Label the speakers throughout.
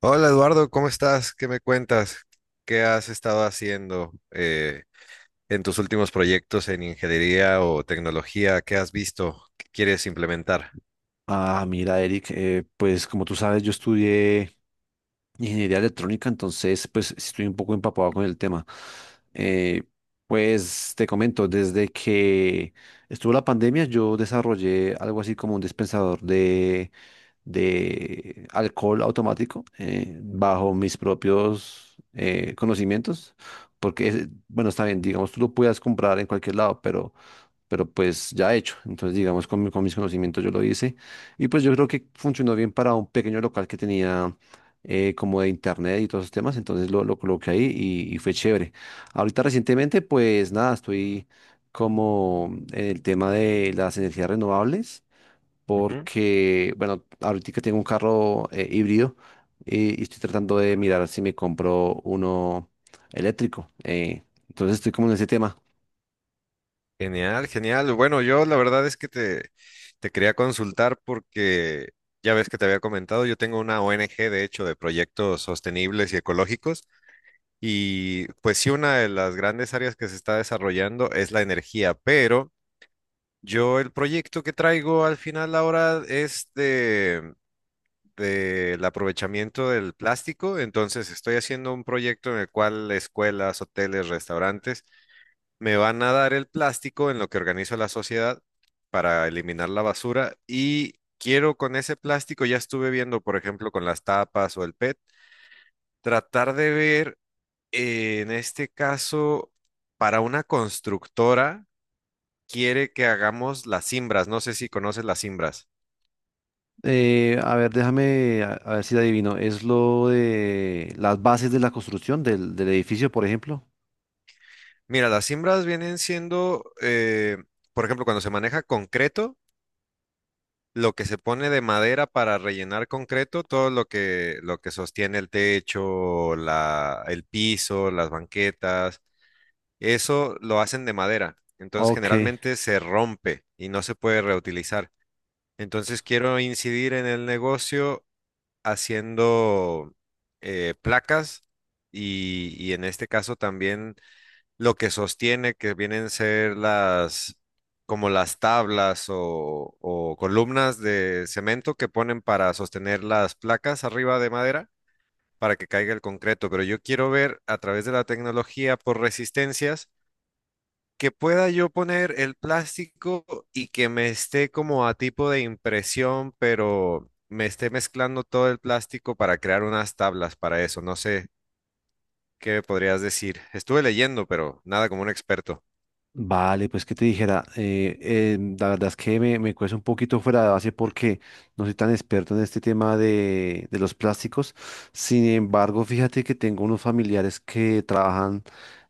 Speaker 1: Hola Eduardo, ¿cómo estás? ¿Qué me cuentas? ¿Qué has estado haciendo en tus últimos proyectos en ingeniería o tecnología? ¿Qué has visto? ¿Qué quieres implementar?
Speaker 2: Ah, mira, Eric, pues como tú sabes, yo estudié ingeniería electrónica, entonces pues estoy un poco empapado con el tema. Eh, pues te comento, desde que estuvo la pandemia, yo desarrollé algo así como un dispensador de, alcohol automático, bajo mis propios conocimientos, porque, bueno, está bien, digamos, tú lo puedas comprar en cualquier lado, pero pues ya hecho. Entonces, digamos, con mis conocimientos yo lo hice. Y pues yo creo que funcionó bien para un pequeño local que tenía, como de internet y todos esos temas. Entonces lo coloqué ahí, y fue chévere. Ahorita recientemente, pues nada, estoy como en el tema de las energías renovables
Speaker 1: Ujú.
Speaker 2: porque, bueno, ahorita tengo un carro híbrido, y estoy tratando de mirar si me compro uno eléctrico. Entonces estoy como en ese tema.
Speaker 1: Genial, genial. Bueno, yo la verdad es que te quería consultar porque ya ves que te había comentado, yo tengo una ONG de hecho de proyectos sostenibles y ecológicos y pues sí, una de las grandes áreas que se está desarrollando es la energía, pero... Yo el proyecto que traigo al final ahora es del aprovechamiento del plástico, entonces estoy haciendo un proyecto en el cual escuelas, hoteles, restaurantes me van a dar el plástico en lo que organizo la sociedad para eliminar la basura y quiero con ese plástico, ya estuve viendo por ejemplo con las tapas o el PET, tratar de ver en este caso para una constructora quiere que hagamos las cimbras, no sé si conoces las cimbras.
Speaker 2: A ver, déjame, a ver si la adivino. ¿Es lo de las bases de la construcción del edificio, por ejemplo?
Speaker 1: Mira, las cimbras vienen siendo, por ejemplo, cuando se maneja concreto, lo que se pone de madera para rellenar concreto, todo lo lo que sostiene el techo, el piso, las banquetas, eso lo hacen de madera. Entonces,
Speaker 2: Ok.
Speaker 1: generalmente se rompe y no se puede reutilizar. Entonces, quiero incidir en el negocio haciendo placas y en este caso también lo que sostiene, que vienen a ser como las tablas o columnas de cemento que ponen para sostener las placas arriba de madera para que caiga el concreto. Pero yo quiero ver a través de la tecnología por resistencias que pueda yo poner el plástico y que me esté como a tipo de impresión, pero me esté mezclando todo el plástico para crear unas tablas para eso. No sé qué podrías decir. Estuve leyendo, pero nada como un experto.
Speaker 2: Vale, pues que te dijera, la verdad es que me cuesta un poquito fuera de base porque no soy tan experto en este tema de los plásticos. Sin embargo, fíjate que tengo unos familiares que trabajan,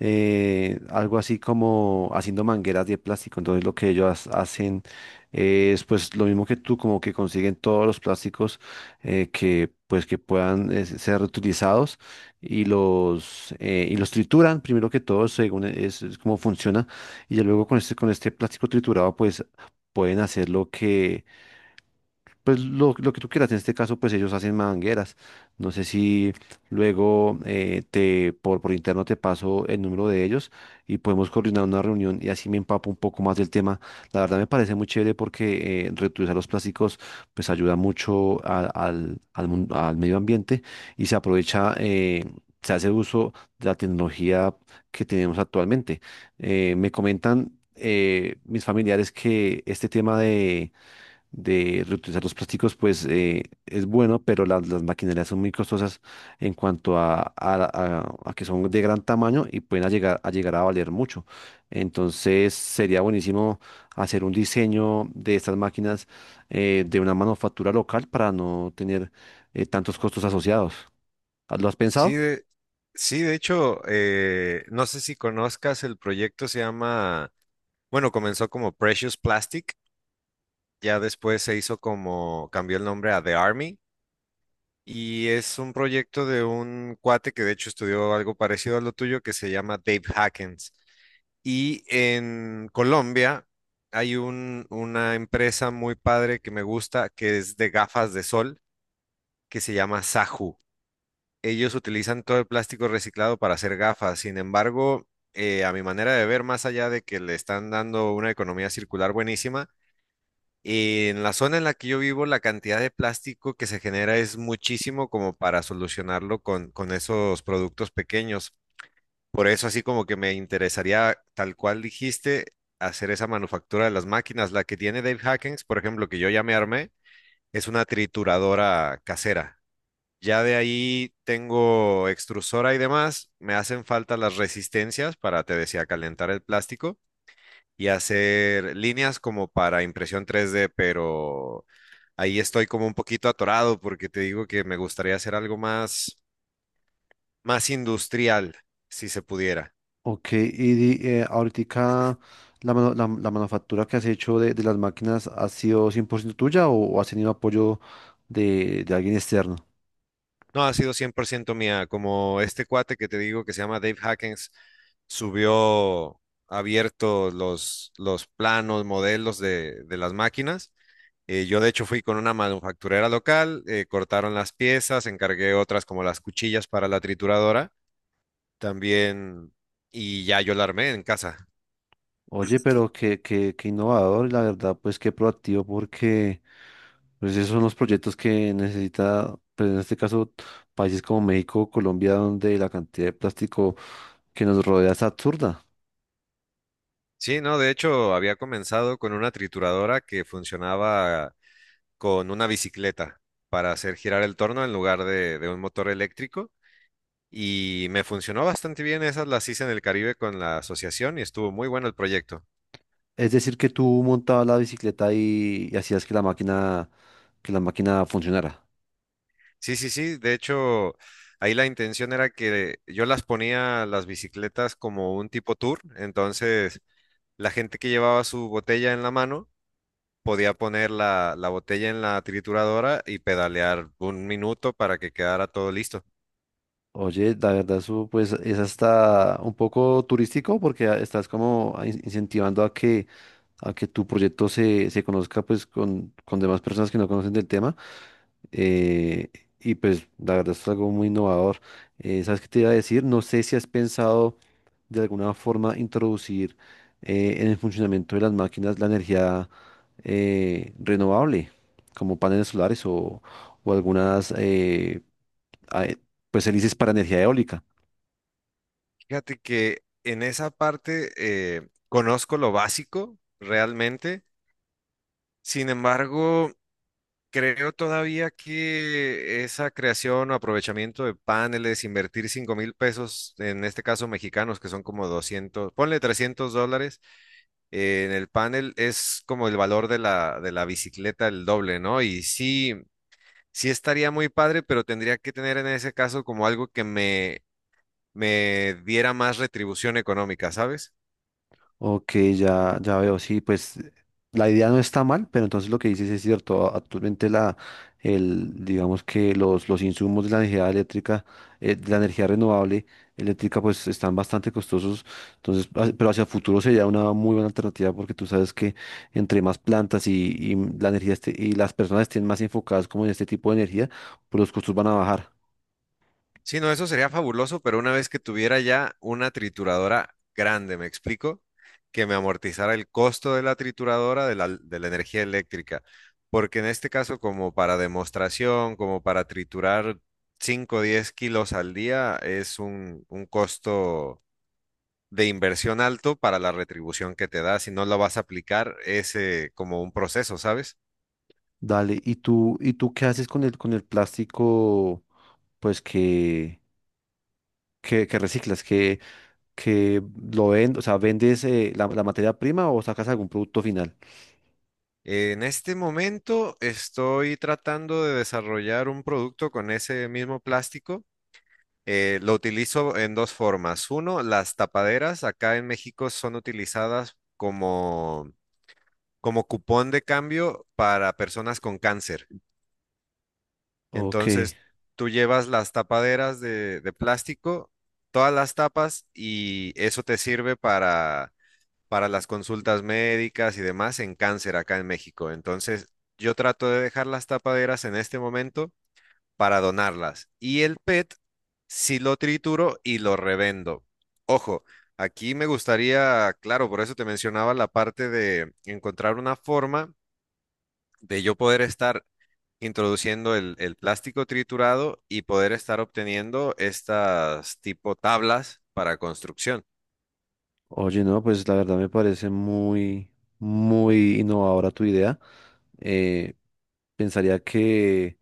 Speaker 2: algo así como haciendo mangueras de plástico. Entonces lo que ellos hacen es pues lo mismo que tú, como que consiguen todos los plásticos, que pues que puedan, ser reutilizados y los trituran, primero que todo, según es como funciona, y ya luego con este plástico triturado pues pueden hacer pues lo que tú quieras. En este caso, pues ellos hacen mangueras. No sé si luego, te por interno te paso el número de ellos y podemos coordinar una reunión, y así me empapo un poco más del tema. La verdad me parece muy chévere porque, reutilizar los plásticos pues ayuda mucho al medio ambiente, y se aprovecha, se hace uso de la tecnología que tenemos actualmente. Me comentan, mis familiares, que este tema de reutilizar los plásticos, pues es bueno, pero las maquinarias son muy costosas en cuanto a que son de gran tamaño y pueden a llegar a valer mucho. Entonces sería buenísimo hacer un diseño de estas máquinas, de una manufactura local para no tener, tantos costos asociados. ¿Lo has
Speaker 1: Sí,
Speaker 2: pensado?
Speaker 1: de, sí, de hecho, no sé si conozcas el proyecto, se bueno, comenzó como Precious Plastic, ya después se hizo como, cambió el nombre a The Army, y es un proyecto de un cuate que de hecho estudió algo parecido a lo tuyo, que se llama Dave Hackens. Y en Colombia hay una empresa muy padre que me gusta, que es de gafas de sol, que se llama Saju. Ellos utilizan todo el plástico reciclado para hacer gafas. Sin embargo, a mi manera de ver, más allá de que le están dando una economía circular buenísima, en la zona en la que yo vivo, la cantidad de plástico que se genera es muchísimo como para solucionarlo con esos productos pequeños. Por eso, así como que me interesaría, tal cual dijiste, hacer esa manufactura de las máquinas. La que tiene Dave Hackens, por ejemplo, que yo ya me armé, es una trituradora casera. Ya de ahí tengo extrusora y demás. Me hacen falta las resistencias para, te decía, calentar el plástico y hacer líneas como para impresión 3D, pero ahí estoy como un poquito atorado porque te digo que me gustaría hacer algo más, más industrial, si se pudiera.
Speaker 2: Ok, ¿y ahoritica la manufactura que has hecho de las máquinas ha sido 100% tuya o has tenido apoyo de alguien externo?
Speaker 1: No, ha sido 100% mía, como este cuate que te digo que se llama Dave Hackens subió abierto los planos, modelos de las máquinas. Yo de hecho fui con una manufacturera local, cortaron las piezas, encargué otras como las cuchillas para la trituradora también y ya yo la armé en casa.
Speaker 2: Oye, pero qué innovador, y la verdad, pues qué proactivo, porque pues esos son los proyectos que necesita, pues en este caso, países como México o Colombia, donde la cantidad de plástico que nos rodea es absurda.
Speaker 1: Sí, no, de hecho había comenzado con una trituradora que funcionaba con una bicicleta para hacer girar el torno en lugar de un motor eléctrico y me funcionó bastante bien. Esas las hice en el Caribe con la asociación y estuvo muy bueno el proyecto.
Speaker 2: Es decir, que tú montabas la bicicleta y hacías que la máquina funcionara.
Speaker 1: Sí, sí, sí. De hecho, ahí la intención era que yo las ponía las bicicletas como un tipo tour. Entonces, la gente que llevaba su botella en la mano podía poner la botella en la trituradora y pedalear un minuto para que quedara todo listo.
Speaker 2: Oye, la verdad, eso pues es hasta un poco turístico porque estás como incentivando a que tu proyecto se conozca pues con demás personas que no conocen del tema. eh, y pues la verdad es algo muy innovador. ¿Sabes qué te iba a decir? No sé si has pensado de alguna forma introducir, en el funcionamiento de las máquinas, la energía, renovable, como paneles solares, o algunas, ah, eh, pues hélices para energía eólica.
Speaker 1: Fíjate que en esa parte conozco lo básico realmente. Sin embargo, creo todavía que esa creación o aprovechamiento de paneles, invertir 5.000 pesos, en este caso mexicanos, que son como 200, ponle 300 dólares, en el panel es como el valor de de la bicicleta el doble, ¿no? Y sí, sí estaría muy padre, pero tendría que tener en ese caso como algo que me diera más retribución económica, ¿sabes?
Speaker 2: Ok, ya, ya veo, sí, pues la idea no está mal, pero entonces lo que dices es cierto. Actualmente digamos que los insumos de la energía eléctrica, de la energía renovable eléctrica, pues están bastante costosos. Entonces, ah, pero hacia el futuro sería una muy buena alternativa porque tú sabes que entre más plantas, y y las personas estén más enfocadas como en este tipo de energía, pues los costos van a bajar.
Speaker 1: Sí, no, eso sería fabuloso, pero una vez que tuviera ya una trituradora grande, ¿me explico? Que me amortizara el costo de la trituradora de de la energía eléctrica. Porque en este caso, como para demostración, como para triturar 5, o 10 kilos al día, es un costo de inversión alto para la retribución que te da. Si no lo vas a aplicar, es como un proceso, ¿sabes?
Speaker 2: Dale, ¿y tú qué haces con el plástico, pues que, que reciclas, que, que lo vendes? O sea, vendes, la materia prima, o sacas algún producto final?
Speaker 1: En este momento estoy tratando de desarrollar un producto con ese mismo plástico. Lo utilizo en dos formas. Uno, las tapaderas acá en México son utilizadas como cupón de cambio para personas con cáncer.
Speaker 2: Ok,
Speaker 1: Entonces, tú llevas las tapaderas de plástico, todas las tapas y eso te sirve para las consultas médicas y demás en cáncer acá en México. Entonces, yo trato de dejar las tapaderas en este momento para donarlas. Y el PET sí lo trituro y lo revendo. Ojo, aquí me gustaría, claro, por eso te mencionaba la parte de encontrar una forma de yo poder estar introduciendo el plástico triturado y poder estar obteniendo estas tipo tablas para construcción.
Speaker 2: oye, no, pues la verdad me parece muy, muy innovadora tu idea. Eh, Pensaría que,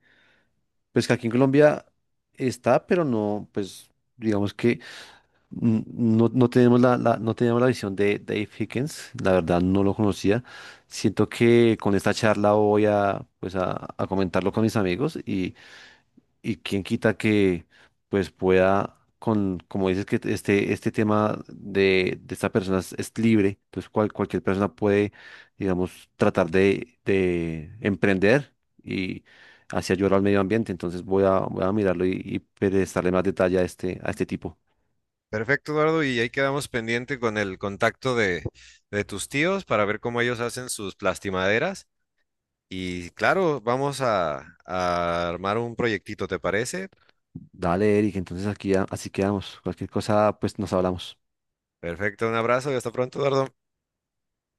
Speaker 2: pues que aquí en Colombia está, pero no, pues digamos. Mm, No, no teníamos la visión de Dave Hickens, la verdad no lo conocía. Siento que con esta charla voy a, pues a comentarlo con mis amigos, y quién quita que pues pueda, como dices que este tema de esta persona es libre, entonces cualquier persona puede, digamos, tratar de emprender, y así ayudar al medio ambiente. Entonces voy a mirarlo, y prestarle más detalle a este tipo.
Speaker 1: Perfecto, Eduardo, y ahí quedamos pendiente con el contacto de tus tíos para ver cómo ellos hacen sus plastimaderas. Y claro, vamos a armar un proyectito, ¿te parece?
Speaker 2: Dale, Eric, entonces aquí así quedamos. Cualquier cosa, pues nos hablamos.
Speaker 1: Perfecto, un abrazo y hasta pronto, Eduardo.